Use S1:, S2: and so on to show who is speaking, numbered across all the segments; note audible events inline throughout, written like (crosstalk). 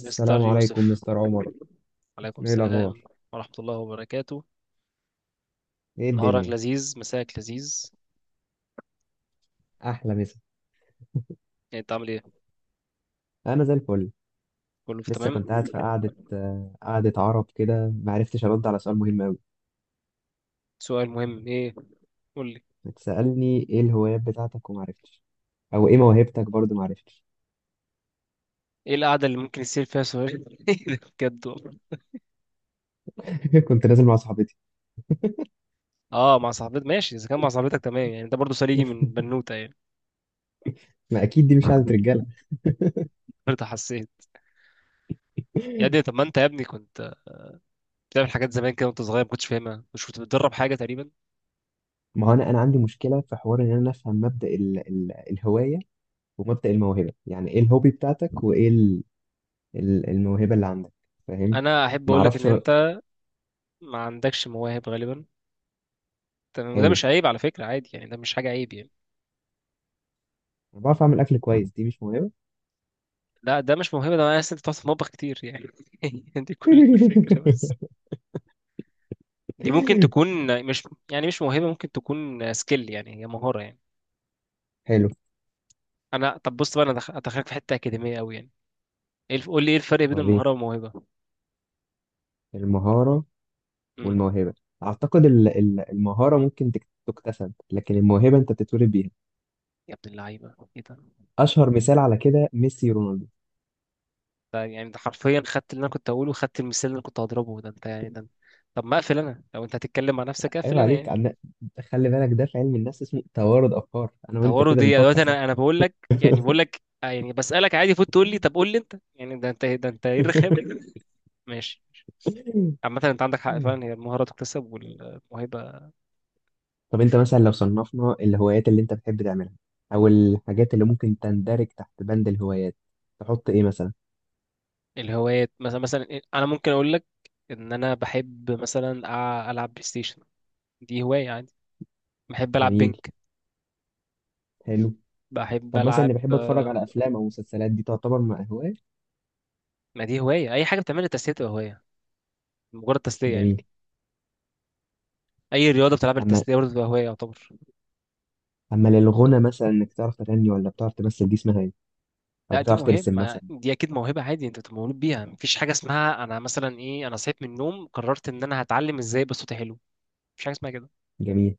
S1: مستر
S2: عليكم
S1: يوسف،
S2: مستر عمر.
S1: عليكم
S2: ايه
S1: السلام
S2: الاخبار؟
S1: ورحمة الله وبركاته.
S2: ايه
S1: نهارك
S2: الدنيا؟
S1: لذيذ، مساك لذيذ.
S2: احلى مسا.
S1: يعني انت عامل ايه؟
S2: انا زي الفل.
S1: كله في
S2: لسه
S1: تمام.
S2: كنت قاعد في قعده عرب كده، ما عرفتش ارد على سؤال مهم قوي.
S1: سؤال مهم ايه؟ قول لي.
S2: بتسالني ايه الهوايات بتاعتك وما عرفتش، او ايه موهبتك برضه ما عرفتش.
S1: ايه القعدة اللي ممكن يصير فيها سؤال؟ (laughs) ايه ده بجد والله.
S2: (laughs) كنت نازل مع صاحبتي.
S1: اه مع صاحبتك ماشي، اذا كان مع صاحبتك تمام، يعني انت برضه سليجي من بنوتة يعني.
S2: ما اكيد دي مش قعده رجاله.
S1: برضه حسيت. يا ابني،
S2: (laughs)
S1: طب ما انت يا ابني كنت بتعمل حاجات زمان كده وانت صغير ما كنتش فاهمها، مش كنت بتدرب حاجة تقريبا؟
S2: ما هو انا عندي مشكله في حوار ان انا افهم مبدا ال الهوايه ومبدا الموهبه، يعني ايه الهوبي بتاعتك وايه ال الموهبه اللي عندك؟ فاهم.
S1: انا احب
S2: ما
S1: اقول لك ان
S2: اعرفش.
S1: انت ما عندكش مواهب غالبا. تمام، وده
S2: حلو.
S1: مش عيب على فكرة، عادي يعني، ده مش حاجة عيب يعني.
S2: أنا بعرف اعمل اكل كويس، دي مش موهبه.
S1: لا ده مش موهبة، ده انا عايز انت بتقعد في المطبخ كتير يعني. (laughs) دي كل الفكرة بس.
S2: (laughs)
S1: دي ممكن تكون، مش يعني مش موهبة، ممكن تكون سكيل يعني، هي مهارة يعني.
S2: حلو،
S1: انا طب بص بقى، انا ادخلك في حتة أكاديمية قوي يعني. ايه قول لي ايه الفرق بين
S2: وريني.
S1: المهارة والموهبة؟
S2: المهارة
S1: امم
S2: والموهبة، أعتقد المهارة ممكن تكتسب، لكن الموهبة أنت بتتولد بيها.
S1: يا ابن اللعيبة ايه ده؟
S2: أشهر مثال على كده ميسي رونالدو.
S1: ده يعني ده حرفيا خدت اللي انا كنت هقوله، وخدت المثال اللي انا كنت هضربه. ده انت يعني ده، طب ما اقفل انا، لو انت هتتكلم مع نفسك اقفل
S2: عيب
S1: انا
S2: عليك
S1: يعني.
S2: خلي بالك ده في علم النفس اسمه توارد أفكار، أنا وأنت
S1: طوروا
S2: كده
S1: دي
S2: بنفكر
S1: دلوقتي،
S2: صح.
S1: انا بقول لك يعني، بقول لك يعني بسألك عادي، فوت تقول لي طب قول لي انت يعني، ده انت، ده انت، ايه الرخامة
S2: (laughs)
S1: دي؟ ماشي. عامة انت عندك حق فعلا، هي المهارة تكتسب والموهبة.
S2: طب أنت مثلا لو صنفنا الهوايات اللي أنت بتحب تعملها أو الحاجات اللي ممكن تندرج تحت بند الهوايات، تحط إيه مثلا؟
S1: الهوايات مثلا، مثلا انا ممكن اقول لك ان انا بحب مثلا العب بلاي ستيشن. دي هواية عادي. بحب العب
S2: جميل.
S1: بينك.
S2: حلو.
S1: بحب
S2: طب مثلا
S1: العب
S2: اللي بحب اتفرج على افلام او مسلسلات دي تعتبر مع هواية؟
S1: ما دي هواية، اي حاجة بتعملها تسلية تبقى هواية، مجرد تسلية
S2: جميل.
S1: يعني. اي رياضة بتلعبها
S2: اما
S1: للتسلية برضه تبقى هواية يعتبر.
S2: اما للغنى مثلا، انك تعرف تغني ولا بتعرف تمثل دي اسمها ايه؟ او
S1: لا دي
S2: بتعرف
S1: موهبة،
S2: ترسم
S1: ما-
S2: مثلا.
S1: دي اكيد موهبة. عادي انت بتبقى مولود بيها، مفيش حاجة اسمها انا مثلا ايه، انا صحيت من النوم قررت ان انا هتعلم ازاي يبقى صوتي حلو، مفيش حاجة اسمها كده.
S2: جميل.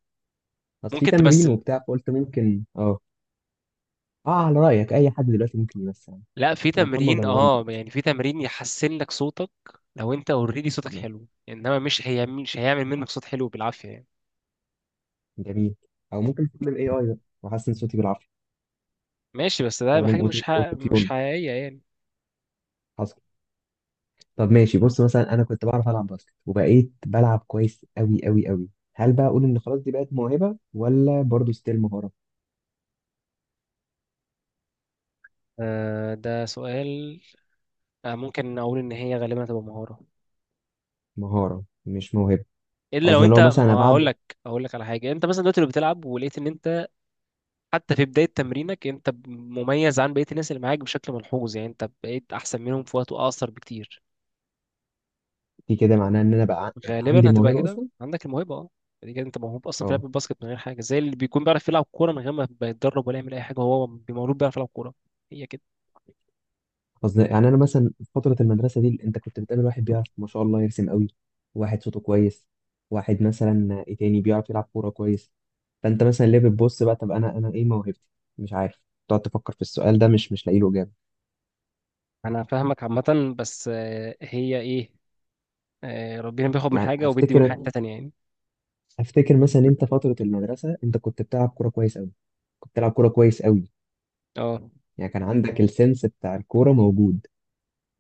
S2: بس في
S1: ممكن
S2: تمرين
S1: تمثل.
S2: وبتاع، فقلت ممكن اه. اه، على رايك اي حد دلوقتي ممكن يمثل؟
S1: لا في
S2: ده محمد
S1: تمرين
S2: رمضان
S1: اه، يعني في تمرين يحسن لك صوتك. لو انت اوريدي صوتك
S2: بيعمل.
S1: حلو، انما مش، هي مش هيعمل منك صوت حلو بالعافيه يعني.
S2: جميل. او ممكن استخدم اي بقى واحسن صوتي بالعافيه.
S1: ماشي، بس ده
S2: استخدم
S1: حاجه
S2: أوتو تيون.
S1: مش حقيقيه يعني.
S2: حصل. طب ماشي، بص مثلا انا كنت بعرف العب باسكت وبقيت بلعب كويس قوي قوي قوي، هل بقى اقول ان خلاص دي بقت موهبه ولا برضو ستيل مهاره؟
S1: آه ده سؤال. آه ممكن اقول ان هي غالبا هتبقى مهاره،
S2: مهاره مش موهبه؟
S1: الا لو
S2: قصدي
S1: انت،
S2: لو مثلا انا
S1: ما اقول
S2: بعد.
S1: لك. اقول لك على حاجه، انت مثلا دلوقتي لو بتلعب ولقيت ان انت حتى في بدايه تمرينك انت مميز عن بقيه الناس اللي معاك بشكل ملحوظ، يعني انت بقيت احسن منهم في وقت اقصر بكتير،
S2: دي كده معناها ان انا بقى عندي
S1: غالبا هتبقى
S2: الموهبه
S1: كده
S2: اصلا.
S1: عندك الموهبه اه. يعني كده انت موهوب اصلا في لعب
S2: اه.
S1: الباسكت، من غير حاجه، زي اللي بيكون بيعرف يلعب كوره من غير ما بيتدرب ولا يعمل اي حاجه، هو مولود بيعرف يلعب كوره. هي كده.
S2: قصدي يعني انا مثلا في فتره المدرسه دي انت كنت بتقابل واحد بيعرف ما شاء الله يرسم قوي، واحد صوته كويس، واحد مثلا ايه تاني بيعرف يلعب كوره كويس، فانت مثلا ليه بتبص بقى طب انا ايه موهبتي؟ مش عارف، تقعد تفكر في السؤال ده مش لاقي له اجابه.
S1: انا فاهمك عامه، بس هي ايه، ربنا بياخد من
S2: يعني
S1: حاجه وبيدي من حاجه
S2: افتكر،
S1: تانية يعني.
S2: افتكر مثلا انت فتره المدرسه انت كنت بتلعب كوره كويس قوي. كنت بتلعب كوره كويس قوي،
S1: اه
S2: يعني كان عندك السنس بتاع الكوره موجود،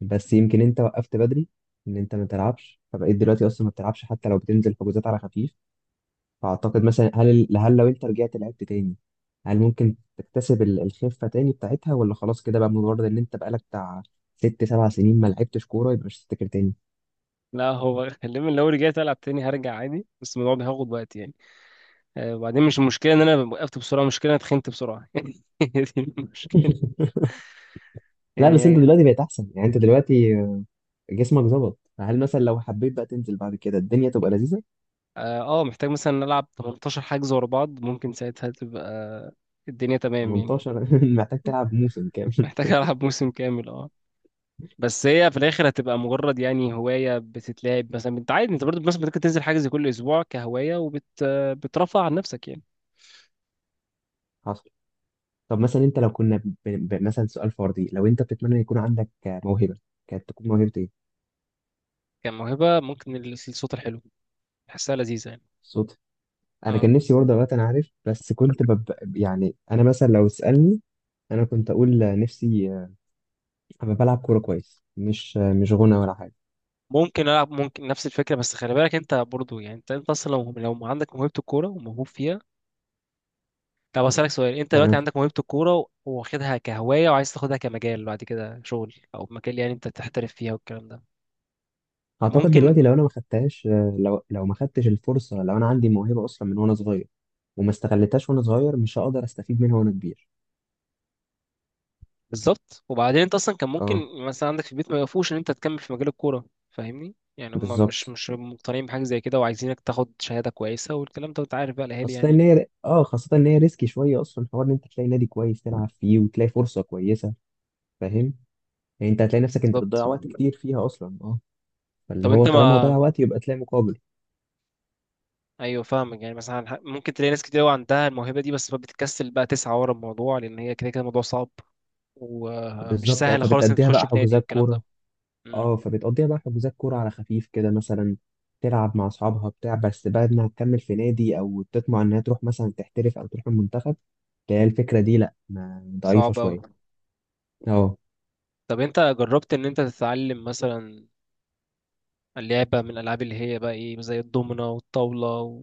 S2: بس يمكن انت وقفت بدري ان انت ما تلعبش، فبقيت دلوقتي اصلا ما بتلعبش حتى لو بتنزل حجوزات على خفيف. فاعتقد مثلا هل هل لو انت رجعت لعبت تاني هل ممكن تكتسب الخفه تاني بتاعتها، ولا خلاص كده بقى مجرد ان انت بقالك بتاع ست سبع سنين ما لعبتش كوره يبقى مش هتفتكر تاني؟
S1: لا هو خلينا، لو رجعت العب تاني هرجع عادي، بس الموضوع بياخد وقت يعني. وبعدين مش المشكله ان انا وقفت بسرعه، المشكله إن انا اتخنت بسرعه (laughs) هي دي المشكله
S2: (laughs) لا، بس انت
S1: يعني.
S2: دلوقتي بقيت احسن، يعني انت دلوقتي جسمك ظبط، فهل مثلا لو حبيت بقى تنزل بعد كده الدنيا تبقى لذيذه؟
S1: اه محتاج مثلا نلعب 18 حجز ورا بعض، ممكن ساعتها تبقى الدنيا تمام يعني.
S2: 18؟ (laughs) محتاج تلعب موسم كامل.
S1: محتاج (laughs) العب موسم كامل اه. بس هي في الاخر هتبقى مجرد يعني هوايه بتتلعب، مثلا انت عادي انت برضه مثلا ممكن تنزل حجز كل اسبوع كهوايه، وبت بترفع عن نفسك يعني.
S2: (laughs) طب مثلا انت لو كنا مثلا سؤال فردي، لو انت بتتمنى يكون عندك موهبة، كانت تكون موهبة ايه؟
S1: كموهبه ممكن الصوت الحلو، بحسها لذيذه يعني.
S2: الصوت؟ انا
S1: اه
S2: كان نفسي برضه، دلوقتي انا عارف بس كنت يعني انا مثلا لو تسألني انا كنت اقول نفسي ابقى بلعب كورة كويس، مش غنى ولا حاجة.
S1: ممكن العب، ممكن نفس الفكره، بس خلي بالك انت برضه يعني، انت اصلا لو عندك موهبه الكوره وموهوب فيها. طب اسالك سؤال، انت دلوقتي
S2: تمام.
S1: عندك موهبه الكوره واخدها كهوايه، وعايز تاخدها كمجال بعد كده، شغل او مجال يعني انت تحترف فيها والكلام ده.
S2: اعتقد
S1: ممكن.
S2: دلوقتي لو انا ما خدتهاش، لو ما خدتش الفرصة، لو انا عندي موهبة اصلا من وانا صغير وما استغلتهاش وانا صغير، مش هقدر استفيد منها وانا كبير.
S1: بالظبط، وبعدين انت اصلا كان ممكن
S2: اه.
S1: مثلا عندك في البيت ما يوقفوش ان انت تكمل في مجال الكوره، فاهمني يعني. هم مش
S2: بالظبط.
S1: مش مقتنعين بحاجه زي كده، وعايزينك تاخد شهاده كويسه والكلام ده، وانت عارف بقى الاهالي يعني.
S2: خاصة ان هي ريسكي شوية اصلا، حوار ان انت تلاقي نادي كويس تلعب فيه وتلاقي فرصة كويسة. فاهم. يعني انت هتلاقي نفسك انت
S1: بالظبط.
S2: بتضيع وقت كتير فيها اصلا، اه. فاللي
S1: طب
S2: هو
S1: انت
S2: طالما
S1: ما،
S2: هضيع وقت يبقى تلاقي مقابل.
S1: ايوه فاهمك. يعني مثلا ممكن تلاقي ناس كتير قوي عندها الموهبه دي، بس بتكسل بقى تسعى ورا الموضوع، لان هي كده كده الموضوع صعب ومش
S2: بالظبط. اه
S1: سهل خالص انك
S2: فبتأديها
S1: تخش
S2: بقى
S1: في نادي
S2: حجوزات
S1: والكلام ده.
S2: كورة اه فبتقضيها بقى حجوزات كورة على خفيف كده مثلا، تلعب مع اصحابها بتاع، بس بعد ما تكمل في نادي او تطمع انها تروح مثلا تحترف او تروح المنتخب، تلاقي الفكرة دي لا ما ضعيفة
S1: صعب
S2: شوية.
S1: أوي.
S2: اه.
S1: طب أنت جربت إن أنت تتعلم مثلا اللعبة من الألعاب اللي هي بقى إيه، زي الدومينة والطاولة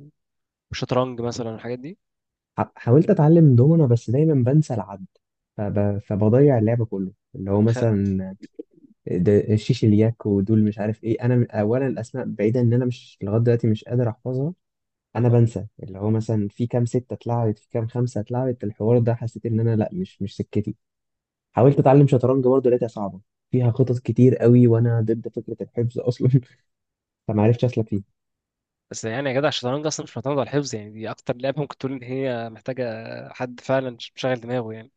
S1: والشطرنج مثلا والحاجات دي؟
S2: حاولت اتعلم دومنا، بس دايما بنسى العد، فبضيع اللعب كله اللي هو
S1: خ...
S2: مثلا ده شيش الياك ودول مش عارف ايه. انا اولا الاسماء بعيدا، ان انا مش لغايه دلوقتي مش قادر احفظها. انا
S1: أهو.
S2: بنسى اللي هو مثلا في كام ستة اتلعبت في كام خمسة اتلعبت، الحوار ده حسيت ان انا لا مش سكتي. حاولت اتعلم شطرنج برضه لقيتها صعبة، فيها خطط كتير قوي وانا ضد فكرة الحفظ اصلا. (laughs) فما عرفتش اسلك.
S1: بس يعني يا جدع الشطرنج أصلا مش معتمد على الحفظ يعني، دي أكتر لعبة ممكن تقول إن هي محتاجة حد فعلا مشغل دماغه يعني.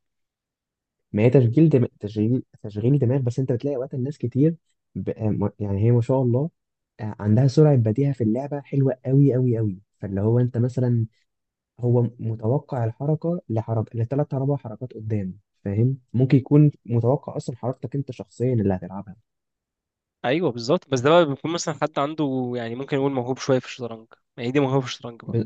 S2: ما هي تشغيل تشغيل دماغ، بس انت بتلاقي وقت الناس كتير، يعني هي ما شاء الله، عندها سرعة بديهة في اللعبة حلوة قوي قوي قوي، فاللي هو انت مثلا هو متوقع الحركة لحركة لثلاث اربع حركات قدام. فاهم، ممكن يكون متوقع اصلا حركتك انت شخصيا اللي هتلعبها.
S1: أيوه بالظبط، بس ده بقى بيكون مثلا حد عنده يعني، ممكن يقول موهوب شوية في الشطرنج، يعني دي موهوب في الشطرنج بقى.
S2: ب...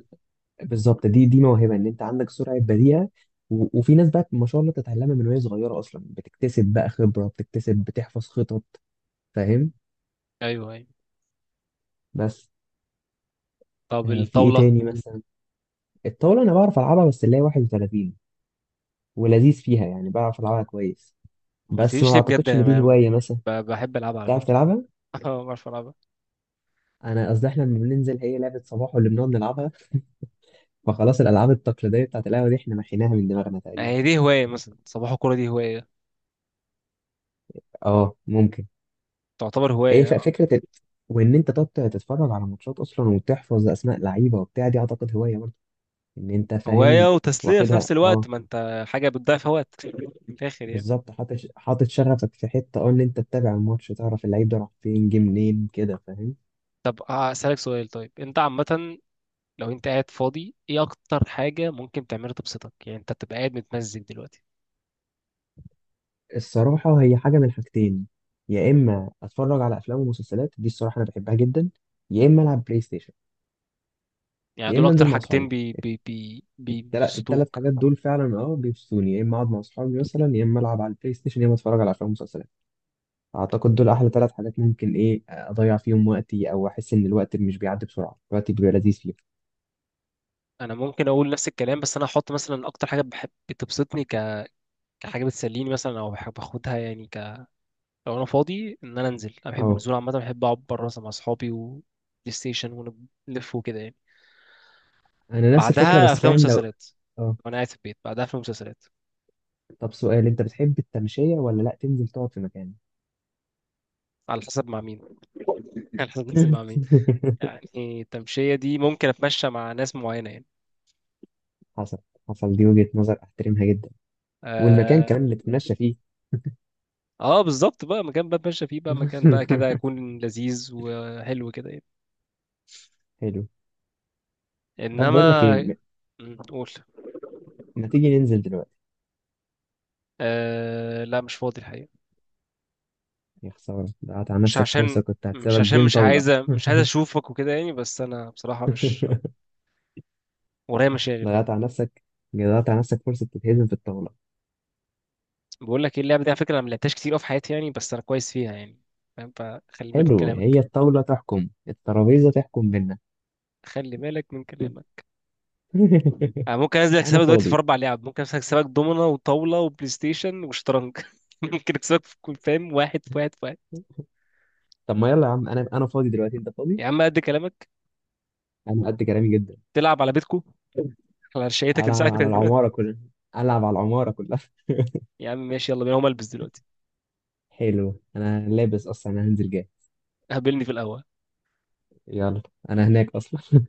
S2: بالظبط، دي موهبة ان انت عندك سرعة بديهة، وفي ناس بقى ما شاء الله تتعلمها من وهي صغيرة اصلا بتكتسب بقى خبرة، بتكتسب بتحفظ خطط. فاهم.
S1: أيوه أيوه.
S2: بس
S1: طب
S2: في ايه
S1: الطاولة؟
S2: تاني مثلا؟ الطاولة أنا بعرف ألعبها، بس اللي هي 31 ولذيذ فيها، يعني بعرف ألعبها كويس،
S1: ما
S2: بس
S1: قلتليش
S2: ما
S1: ليه بجد،
S2: أعتقدش إن
S1: أنا
S2: دي هواية مثلا.
S1: بحب ألعبها على
S2: تعرف
S1: فكرة.
S2: تلعبها؟
S1: (laughs) أه بعرف ألعبها.
S2: أنا قصدي إحنا لما بننزل هي لعبة صباح واللي بنقعد نلعبها، فخلاص الألعاب التقليدية بتاعت القهوة دي إحنا محيناها من دماغنا تقريبا.
S1: يعني دي هواية مثلا، صباح الكورة دي هواية،
S2: أه ممكن.
S1: تعتبر
S2: هي
S1: هواية.
S2: فكرة وإن أنت تقعد تتفرج على ماتشات أصلا وتحفظ أسماء لعيبة وبتاع دي أعتقد هواية برضه، إن أنت فاهم.
S1: هواية وتسلية في
S2: واخدها،
S1: نفس الوقت،
S2: أه.
S1: ما انت حاجة بتضيع في وقت من الآخر يعني.
S2: بالظبط، حاطط حاطط شغفك في حتة، إن أنت تتابع الماتش تعرف اللعيب ده راح فين جه منين كده. فاهم.
S1: طب هسألك سؤال طيب، انت عامة لو انت قاعد فاضي ايه اكتر حاجة ممكن تعملها تبسطك، يعني انت بتبقى قاعد متمزج دلوقتي.
S2: الصراحة هي حاجة من حاجتين، يا إما أتفرج على أفلام ومسلسلات دي الصراحة أنا بحبها جدا، يا إما ألعب بلاي ستيشن،
S1: يعني
S2: يا
S1: دول
S2: إما
S1: اكتر
S2: أنزل مع
S1: حاجتين
S2: أصحابي.
S1: بي بي بي بي
S2: التلات
S1: بيبسطوك
S2: حاجات دول فعلا بيبسطوني، يا إما أقعد مع أصحابي مثلا، يا إما ألعب على البلاي ستيشن، يا إما أتفرج على أفلام ومسلسلات. أعتقد دول أحلى تلات حاجات ممكن إيه أضيع فيهم وقتي، أو أحس إن الوقت مش بيعدي بسرعة، الوقت بيبقى لذيذ فيهم.
S1: انا ممكن اقول نفس الكلام، بس انا هحط مثلا اكتر حاجة بحب بتبسطني كحاجة بتسليني مثلا، او بحب اخدها يعني لو انا فاضي ان انا انزل، انا بحب
S2: أه.
S1: النزول عامة، بحب اقعد بره مثلا مع اصحابي و بلاي ستيشن ونلف وكده يعني.
S2: أنا نفس الفكرة،
S1: بعدها
S2: بس
S1: افلام
S2: فاهم لو.
S1: ومسلسلات،
S2: أه.
S1: وانا قاعد في البيت بعدها افلام ومسلسلات.
S2: طب سؤال، أنت بتحب التمشية ولا لأ تنزل تقعد في مكان؟
S1: على حسب مع مين، (laughs) على حسب نازل مع مين
S2: (laughs)
S1: يعني. التمشيه دي ممكن اتمشى مع ناس معينه يعني.
S2: حصل. حصل، دي وجهة نظر أحترمها جدا. والمكان
S1: اه,
S2: كمان نتمشى فيه.
S1: آه بالظبط بقى، مكان بقى اتمشى فيه، بقى مكان بقى كده
S2: (laughs)
S1: يكون لذيذ وحلو كده يعني.
S2: حلو. طب بقول لك ايه
S1: انما م، قول.
S2: ما تيجي ننزل دلوقتي؟
S1: آه لا مش فاضي الحقيقه.
S2: يا خسارة، ضيعت على
S1: مش
S2: نفسك
S1: عشان،
S2: فرصة، كنت
S1: مش
S2: هكسبك
S1: عشان
S2: جيم
S1: مش
S2: طاولة.
S1: عايزه،
S2: (laughs)
S1: مش عايزه اشوفك وكده يعني، بس انا بصراحه مش، ورايا مشاغل.
S2: ضيعت على نفسك ضيعت على نفسك فرصة تتهزم في الطاولة.
S1: بقول لك ايه، اللعبه دي على فكره انا ما لعبتهاش كتير أوي في حياتي يعني، بس انا كويس فيها يعني، فاهم، فخلي بالك من
S2: حلو، هي
S1: كلامك.
S2: الطاولة تحكم، الترابيزة تحكم بينا.
S1: خلي بالك من
S2: شوف.
S1: كلامك.
S2: (laughs)
S1: أنا ممكن أنزل
S2: أنا
S1: أكسبك دلوقتي في
S2: فاضي.
S1: أربع لعب، ممكن أنزل أكسبك دومنة وطاولة وبلاي ستيشن وشطرنج (laughs) ممكن أكسبك في كل، فاهم، واحد في واحد في واحد.
S2: طب ما يلا يا عم، أنا فاضي دلوقتي، أنت فاضي؟
S1: يا عم قد كلامك.
S2: أنا قد كلامي جدا.
S1: تلعب على بيتكو، على شقتك اللي
S2: ألعب على
S1: ساعتك.
S2: العمارة كلها، ألعب على العمارة كلها.
S1: (laughs) يا عم ماشي، يلا بينا هقوم ألبس دلوقتي،
S2: (laughs) حلو، أنا لابس أصلا، أنا هنزل جاي.
S1: قابلني في القهوة.
S2: يلا. أنا هناك أصلا.